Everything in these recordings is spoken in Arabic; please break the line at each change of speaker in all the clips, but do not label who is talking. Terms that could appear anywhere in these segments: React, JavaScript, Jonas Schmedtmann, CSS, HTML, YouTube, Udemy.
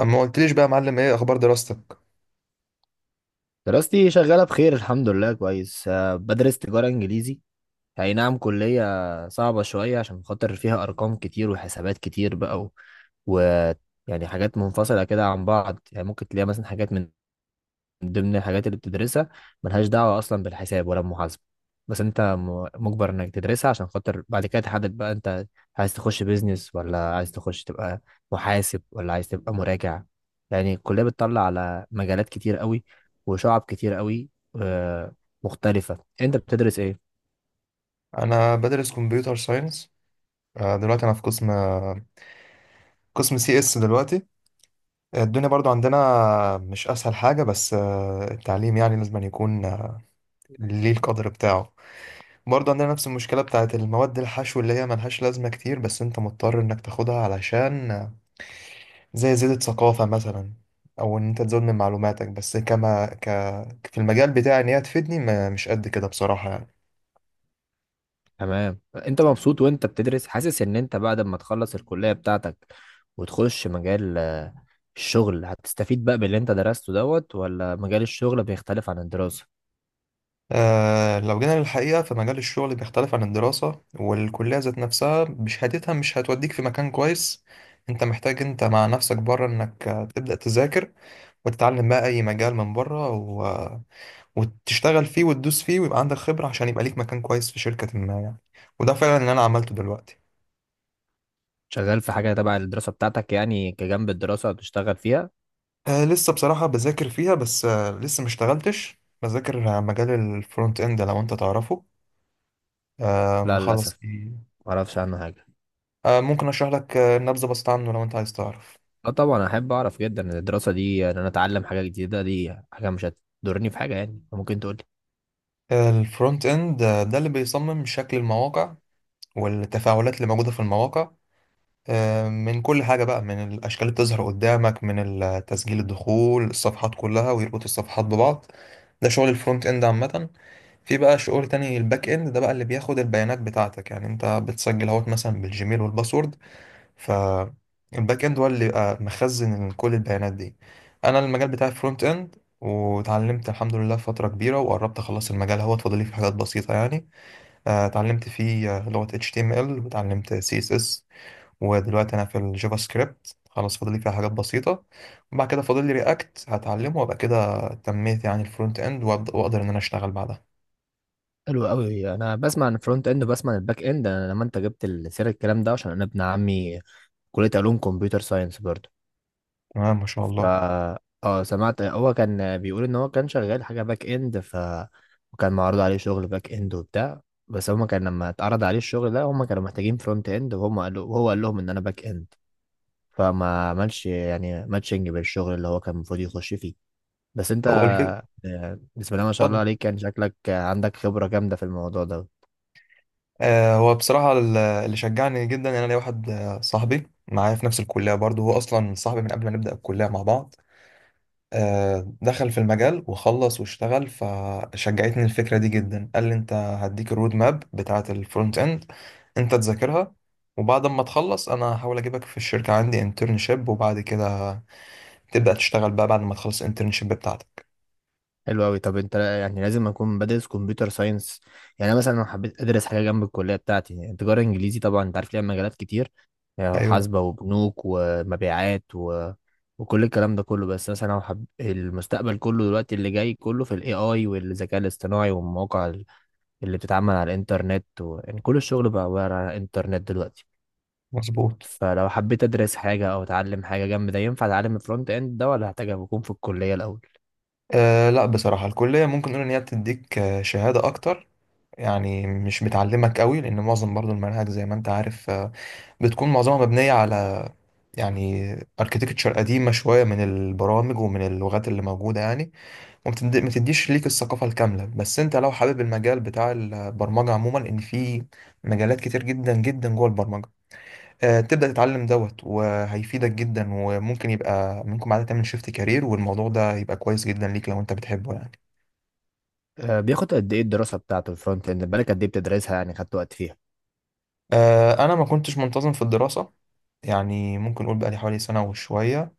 اما ما قلتليش بقى يا معلم، ايه اخبار دراستك؟
دراستي شغالة بخير، الحمد لله، كويس. بدرس تجارة إنجليزي. أي نعم، كلية صعبة شوية عشان خاطر فيها أرقام كتير وحسابات كتير بقى و... يعني حاجات منفصلة كده عن بعض. يعني ممكن تلاقي مثلا حاجات من ضمن الحاجات اللي بتدرسها ملهاش دعوة أصلا بالحساب ولا المحاسبة، بس أنت مجبر إنك تدرسها عشان خاطر بعد كده تحدد بقى أنت عايز تخش بيزنس ولا عايز تخش تبقى محاسب ولا عايز تبقى مراجع. يعني الكلية بتطلع على مجالات كتير قوي وشعب كتير قوي آه، مختلفة. أنت بتدرس إيه؟
انا بدرس كمبيوتر ساينس. دلوقتي انا في قسم قسم سي اس دلوقتي. الدنيا برضو عندنا مش اسهل حاجه، بس التعليم يعني لازم أن يكون ليه القدر بتاعه. برضو عندنا نفس المشكله بتاعت المواد الحشو اللي هي ملهاش لازمه كتير، بس انت مضطر انك تاخدها علشان زي زيادة ثقافه مثلا، او ان انت تزود من معلوماتك، بس كما ك في المجال بتاعي ان هي تفيدني مش قد كده بصراحه يعني.
تمام، انت مبسوط وانت بتدرس؟ حاسس ان انت بعد ما تخلص الكلية بتاعتك وتخش مجال الشغل هتستفيد بقى باللي انت درسته دوت، ولا مجال الشغل بيختلف عن الدراسة؟
آه، لو جينا للحقيقة فمجال الشغل بيختلف عن الدراسة، والكلية ذات نفسها بشهادتها مش هتوديك في مكان كويس. انت محتاج انت مع نفسك بره انك تبدأ تذاكر وتتعلم بقى اي مجال من بره و... آه، وتشتغل فيه وتدوس فيه ويبقى عندك خبرة عشان يبقى ليك مكان كويس في شركة ما يعني. وده فعلا اللي انا عملته دلوقتي.
شغال في حاجة تبع الدراسة بتاعتك يعني؟ كجنب الدراسة هتشتغل فيها؟
آه لسه بصراحة بذاكر فيها، بس آه لسه ما اشتغلتش، بذاكر مجال الفرونت اند لو انت تعرفه. آه
لا
مخلص.
للأسف، معرفش عنه حاجة.
ممكن اشرح لك نبذه بسيطه عنه لو انت عايز تعرف.
اه طبعا، احب اعرف جدا. ان الدراسة دي ان انا اتعلم حاجة جديدة دي حاجة مش هتضرني في حاجة. يعني ممكن تقولي.
الفرونت اند، ده اللي بيصمم شكل المواقع والتفاعلات اللي موجوده في المواقع، من كل حاجه بقى، من الاشكال اللي بتظهر قدامك، من تسجيل الدخول، الصفحات كلها، ويربط الصفحات ببعض. ده شغل الفرونت اند عامه. في بقى شغل تاني، الباك اند، ده بقى اللي بياخد البيانات بتاعتك، يعني انت بتسجل اهوت مثلا بالجيميل والباسورد، فالباك اند هو اللي بيبقى مخزن كل البيانات دي. انا المجال بتاعي فرونت اند، وتعلمت الحمد لله فترة كبيرة وقربت اخلص المجال، هو فاضل لي في حاجات بسيطة يعني. اتعلمت فيه لغة HTML وتعلمت CSS، ودلوقتي انا في الجافا سكريبت، خلاص فاضل لي فيها حاجات بسيطة. وبعد كده فاضل لي رياكت هتعلمه، وابقى كده تميت يعني الفرونت اند، واقدر ان انا اشتغل بعدها.
حلو قوي. انا بسمع عن الفرونت اند وبسمع عن الباك اند. انا لما انت جبت سير الكلام ده، عشان انا ابن عمي كلية علوم كمبيوتر ساينس برضه،
تمام، ما شاء
ف
الله.
اه سمعت هو كان بيقول ان هو كان شغال حاجة باك اند، وكان معروض عليه شغل باك اند وبتاع. بس هما كان لما اتعرض عليه الشغل ده هما كانوا محتاجين فرونت اند، وهم قالوا وهو قال لهم ان انا باك اند، فما عملش يعني ماتشنج بالشغل اللي هو كان المفروض يخش فيه. بس
هو
انت
الفكرة،
بسم الله ما شاء الله
اتفضل.
عليك، كان شكلك عندك خبرة جامدة في الموضوع ده.
هو بصراحة اللي شجعني جدا إن أنا ليا واحد صاحبي معايا في نفس الكلية برضه، هو أصلا صاحبي من قبل ما نبدأ الكلية مع بعض. دخل في المجال وخلص واشتغل، فشجعتني الفكرة دي جدا. قال لي أنت هديك الرود ماب بتاعة الفرونت إند، أنت تذاكرها، وبعد ما تخلص أنا هحاول أجيبك في الشركة عندي انترنشيب، وبعد كده تبدأ تشتغل بقى بعد ما تخلص الانترنشيب بتاعتك.
حلو قوي. طب انت يعني لازم اكون بدرس كمبيوتر ساينس؟ يعني انا مثلا لو حبيت ادرس حاجه جنب الكليه بتاعتي، يعني تجاره انجليزي طبعا انت عارف ليها مجالات كتير، يعني
أيوه،
محاسبه وبنوك ومبيعات وكل الكلام ده كله. بس مثلا لو المستقبل كله دلوقتي اللي جاي كله في الاي اي والذكاء الاصطناعي والمواقع اللي بتتعمل على الانترنت يعني كل الشغل بقى عباره عن الانترنت دلوقتي.
مظبوط.
فلو حبيت ادرس حاجه او اتعلم حاجه جنب ده، ينفع اتعلم الفرونت اند ده ولا هحتاج اكون في الكليه الاول؟
أه لا، بصراحة الكلية ممكن نقول إن هي بتديك شهادة أكتر، يعني مش بتعلمك قوي، لان معظم برضو المناهج زي ما انت عارف، بتكون معظمها مبنيه على يعني اركيتكتشر قديمه شويه من البرامج ومن اللغات اللي موجوده يعني. ما تديش ليك الثقافه الكامله. بس انت لو حابب المجال بتاع البرمجه عموما، ان في مجالات كتير جدا جدا جوه البرمجه، تبدا تتعلم دوت وهيفيدك جدا، وممكن يبقى منكم بعد تعمل شيفت كارير، والموضوع ده يبقى كويس جدا ليك لو انت بتحبه يعني.
بياخد قد ايه الدراسة بتاعته الفرونت اند؟ بالك قد ايه بتدرسها؟ يعني خدت وقت فيها؟
انا ما كنتش منتظم في الدراسه، يعني ممكن اقول بقالي حوالي سنه وشويه،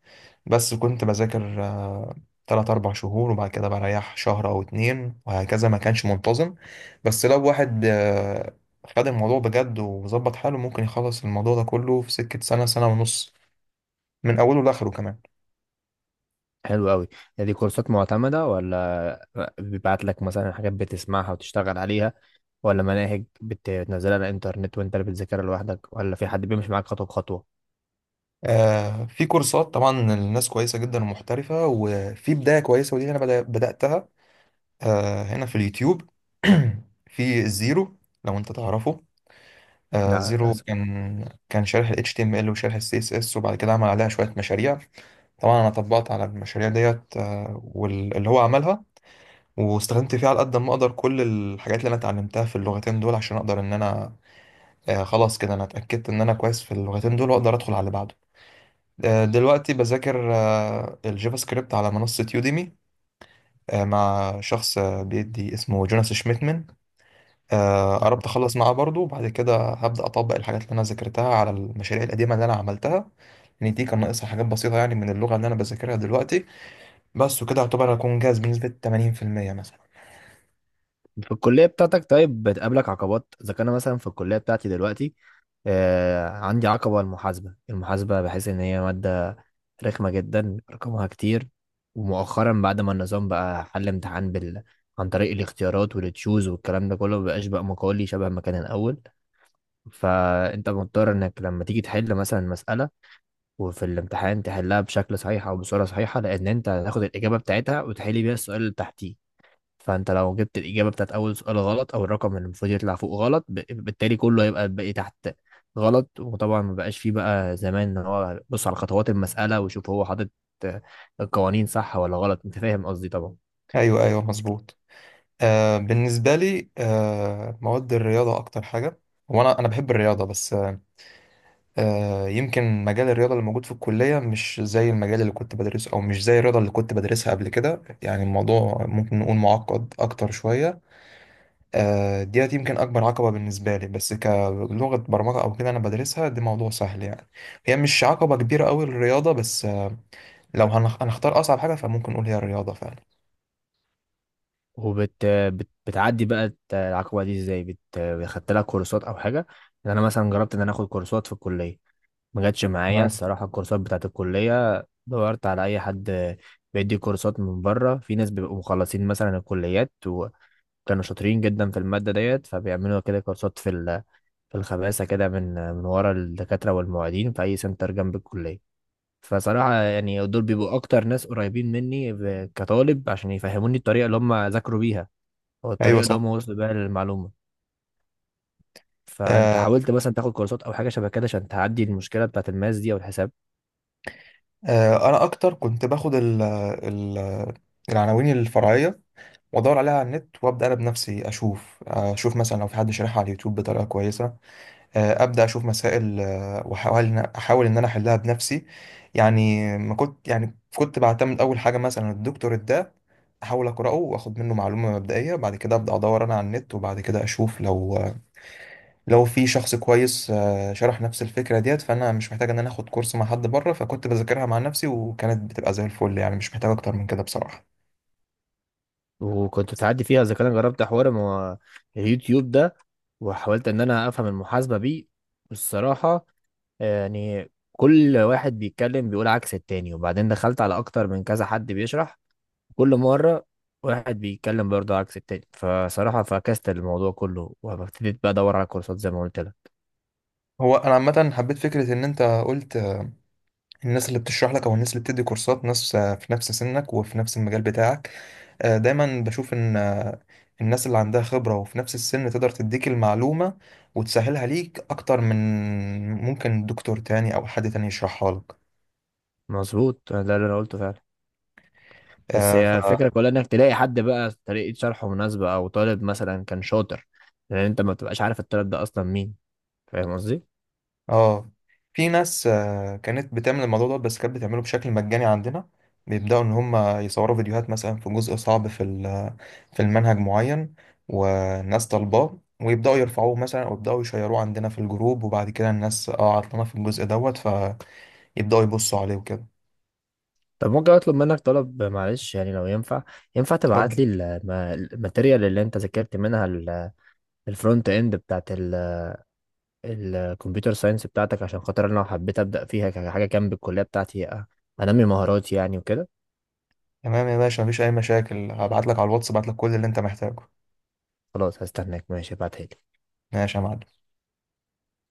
بس كنت بذاكر تلات أربع شهور، وبعد كده بريح شهر أو اتنين، وهكذا ما كانش منتظم. بس لو واحد خد الموضوع بجد وظبط حاله، ممكن يخلص الموضوع ده كله في سكة سنة سنة ونص، من أوله لآخره كمان.
حلو قوي. دي كورسات معتمدة، ولا بيبعت لك مثلا حاجات بتسمعها وتشتغل عليها، ولا مناهج بتنزلها على الانترنت وانت اللي بتذاكرها لوحدك، ولا في حد بيمشي معاك خطوة بخطوة؟
في كورسات طبعا، الناس كويسة جدا ومحترفة، وفي بداية كويسة، ودي أنا بدأتها هنا في اليوتيوب. في الزيرو لو أنت تعرفه.
لا
زيرو
للأسف.
كان شارح ال HTML وشارح ال CSS، وبعد كده عمل عليها شوية مشاريع. طبعا انا طبقت على المشاريع ديت، واللي هو عملها، واستخدمت فيها على قد ما اقدر كل الحاجات اللي انا اتعلمتها في اللغتين دول، عشان اقدر ان انا خلاص كده انا اتاكدت ان انا كويس في اللغتين دول واقدر ادخل على اللي بعده. دلوقتي بذاكر الجافا سكريبت على منصة يوديمي، مع شخص بيدي، اسمه جوناس شميتمن. قربت اخلص معاه برضه، وبعد كده هبدا اطبق الحاجات اللي انا ذاكرتها على المشاريع القديمه اللي انا عملتها، لان دي كان ناقصها حاجات بسيطه يعني من اللغه اللي انا بذاكرها دلوقتي. بس، وكده يعتبر هكون جاهز بنسبة 80% مثلا.
في الكلية بتاعتك طيب بتقابلك عقبات؟ إذا كان أنا مثلا في الكلية بتاعتي دلوقتي، آه عندي عقبة المحاسبة. المحاسبة بحس إن هي مادة رخمة جدا، رقمها كتير. ومؤخرا بعد ما النظام بقى حل امتحان بال عن طريق الاختيارات والتشوز والكلام ده كله، مبقاش بقى مقالي شبه ما كان الأول. فأنت مضطر إنك لما تيجي تحل مثلا مسألة وفي الامتحان تحلها بشكل صحيح أو بصورة صحيحة، لأن أنت هتاخد الإجابة بتاعتها وتحل بيها السؤال اللي تحتيه. فانت لو جبت الاجابه بتاعت اول سؤال غلط، او الرقم اللي المفروض يطلع فوق غلط، بالتالي كله هيبقى الباقي تحت غلط. وطبعا ما بقاش فيه بقى زمان ان هو بص على خطوات المساله ويشوف هو حاطط آه، القوانين صح ولا غلط. انت فاهم قصدي طبعا.
أيوه أيوه مظبوط. آه بالنسبة لي، آه مواد الرياضة أكتر حاجة. وأنا بحب الرياضة، بس آه يمكن مجال الرياضة اللي موجود في الكلية مش زي المجال اللي كنت بدرسه، أو مش زي الرياضة اللي كنت بدرسها قبل كده، يعني الموضوع ممكن نقول معقد أكتر شوية. آه ديت يمكن أكبر عقبة بالنسبة لي. بس كلغة برمجة أو كده أنا بدرسها، دي موضوع سهل يعني. هي مش عقبة كبيرة أوي الرياضة، بس آه لو هنختار أصعب حاجة فممكن نقول هي الرياضة فعلا.
بتعدي بقى العقبه دي ازاي؟ خدت لها كورسات او حاجه؟ يعني انا مثلا جربت ان انا اخد كورسات في الكليه، ما جاتش معايا
آه.
الصراحه الكورسات بتاعت الكليه. دورت على اي حد بيدي كورسات من بره. في ناس بيبقوا مخلصين مثلا الكليات كانوا شاطرين جدا في المادة ديت، فبيعملوا كده كورسات في في الخباثة كده، من ورا الدكاترة والمعيدين في أي سنتر جنب الكلية. فصراحة يعني دول بيبقوا أكتر ناس قريبين مني كطالب، عشان يفهموني الطريقة اللي هم ذاكروا بيها أو
ايوه،
الطريقة اللي هم
صح.
وصلوا بيها للمعلومة. فأنت
آه
حاولت مثلا تاخد كورسات أو حاجة شبه كده عشان تعدي المشكلة بتاعت الماس دي أو الحساب؟
آه، انا اكتر كنت باخد ال العناوين الفرعيه، وادور عليها على النت، وابدا انا بنفسي اشوف اشوف مثلا لو في حد شارحها على اليوتيوب بطريقه كويسه. ابدا اشوف مسائل احاول ان انا احلها بنفسي، يعني ما كنت، يعني كنت بعتمد اول حاجه مثلا الدكتور ده احاول اقراه واخد منه معلومه مبدئيه، بعد كده ابدا ادور انا على النت، وبعد كده اشوف لو في شخص كويس شرح نفس الفكرة ديت، فأنا مش محتاج إن أنا آخد كورس مع حد بره، فكنت بذاكرها مع نفسي وكانت بتبقى زي الفل، يعني مش محتاج أكتر من كده بصراحة.
وكنت تعدي فيها؟ اذا كان أنا جربت حوار ما هو اليوتيوب ده، وحاولت ان انا افهم المحاسبه بيه. الصراحه يعني كل واحد بيتكلم بيقول عكس التاني. وبعدين دخلت على اكتر من كذا حد بيشرح، كل مرة واحد بيتكلم برضه عكس التاني. فصراحة فكست الموضوع كله وابتديت بقى ادور على كورسات زي ما قلت لك.
هو أنا عامة حبيت فكرة إن أنت قلت الناس اللي بتشرح لك أو الناس اللي بتدي كورسات، ناس في نفس سنك وفي نفس المجال بتاعك. دايما بشوف إن الناس اللي عندها خبرة وفي نفس السن تقدر تديك المعلومة وتسهلها ليك أكتر من ممكن دكتور تاني أو حد تاني يشرحها
مظبوط، ده اللي انا قلته فعلا. بس هي الفكرة
لك.
كلها انك تلاقي حد بقى طريقة شرحه مناسبة، او طالب مثلا كان شاطر، لان انت ما بتبقاش عارف الطالب ده اصلا مين. فاهم قصدي؟
اه، في ناس كانت بتعمل الموضوع ده، بس كانت بتعمله بشكل مجاني عندنا. بيبدأوا إن هم يصوروا فيديوهات مثلا في جزء صعب في في المنهج معين، والناس طالباه، ويبدأوا يرفعوه مثلا، أو يبدأوا يشيروه عندنا في الجروب، وبعد كده الناس اه عطلانة في الجزء دوت، فيبدأوا يبصوا عليه وكده.
طب ممكن اطلب منك طلب؟ معلش يعني لو ينفع. ينفع تبعت
اتفضل.
لي الماتيريال اللي انت ذاكرت منها الفرونت اند بتاعت الكمبيوتر ساينس بتاعتك؟ عشان خاطر انا لو حبيت ابدا فيها كحاجه جنب الكليه بتاعتي، انمي مهاراتي يعني وكده.
تمام يا باشا، مفيش أي مشاكل، هبعت لك على الواتس، هبعت لك كل اللي أنت محتاجه.
خلاص، هستناك. ماشي، ابعتها لي.
ماشي يا معلم.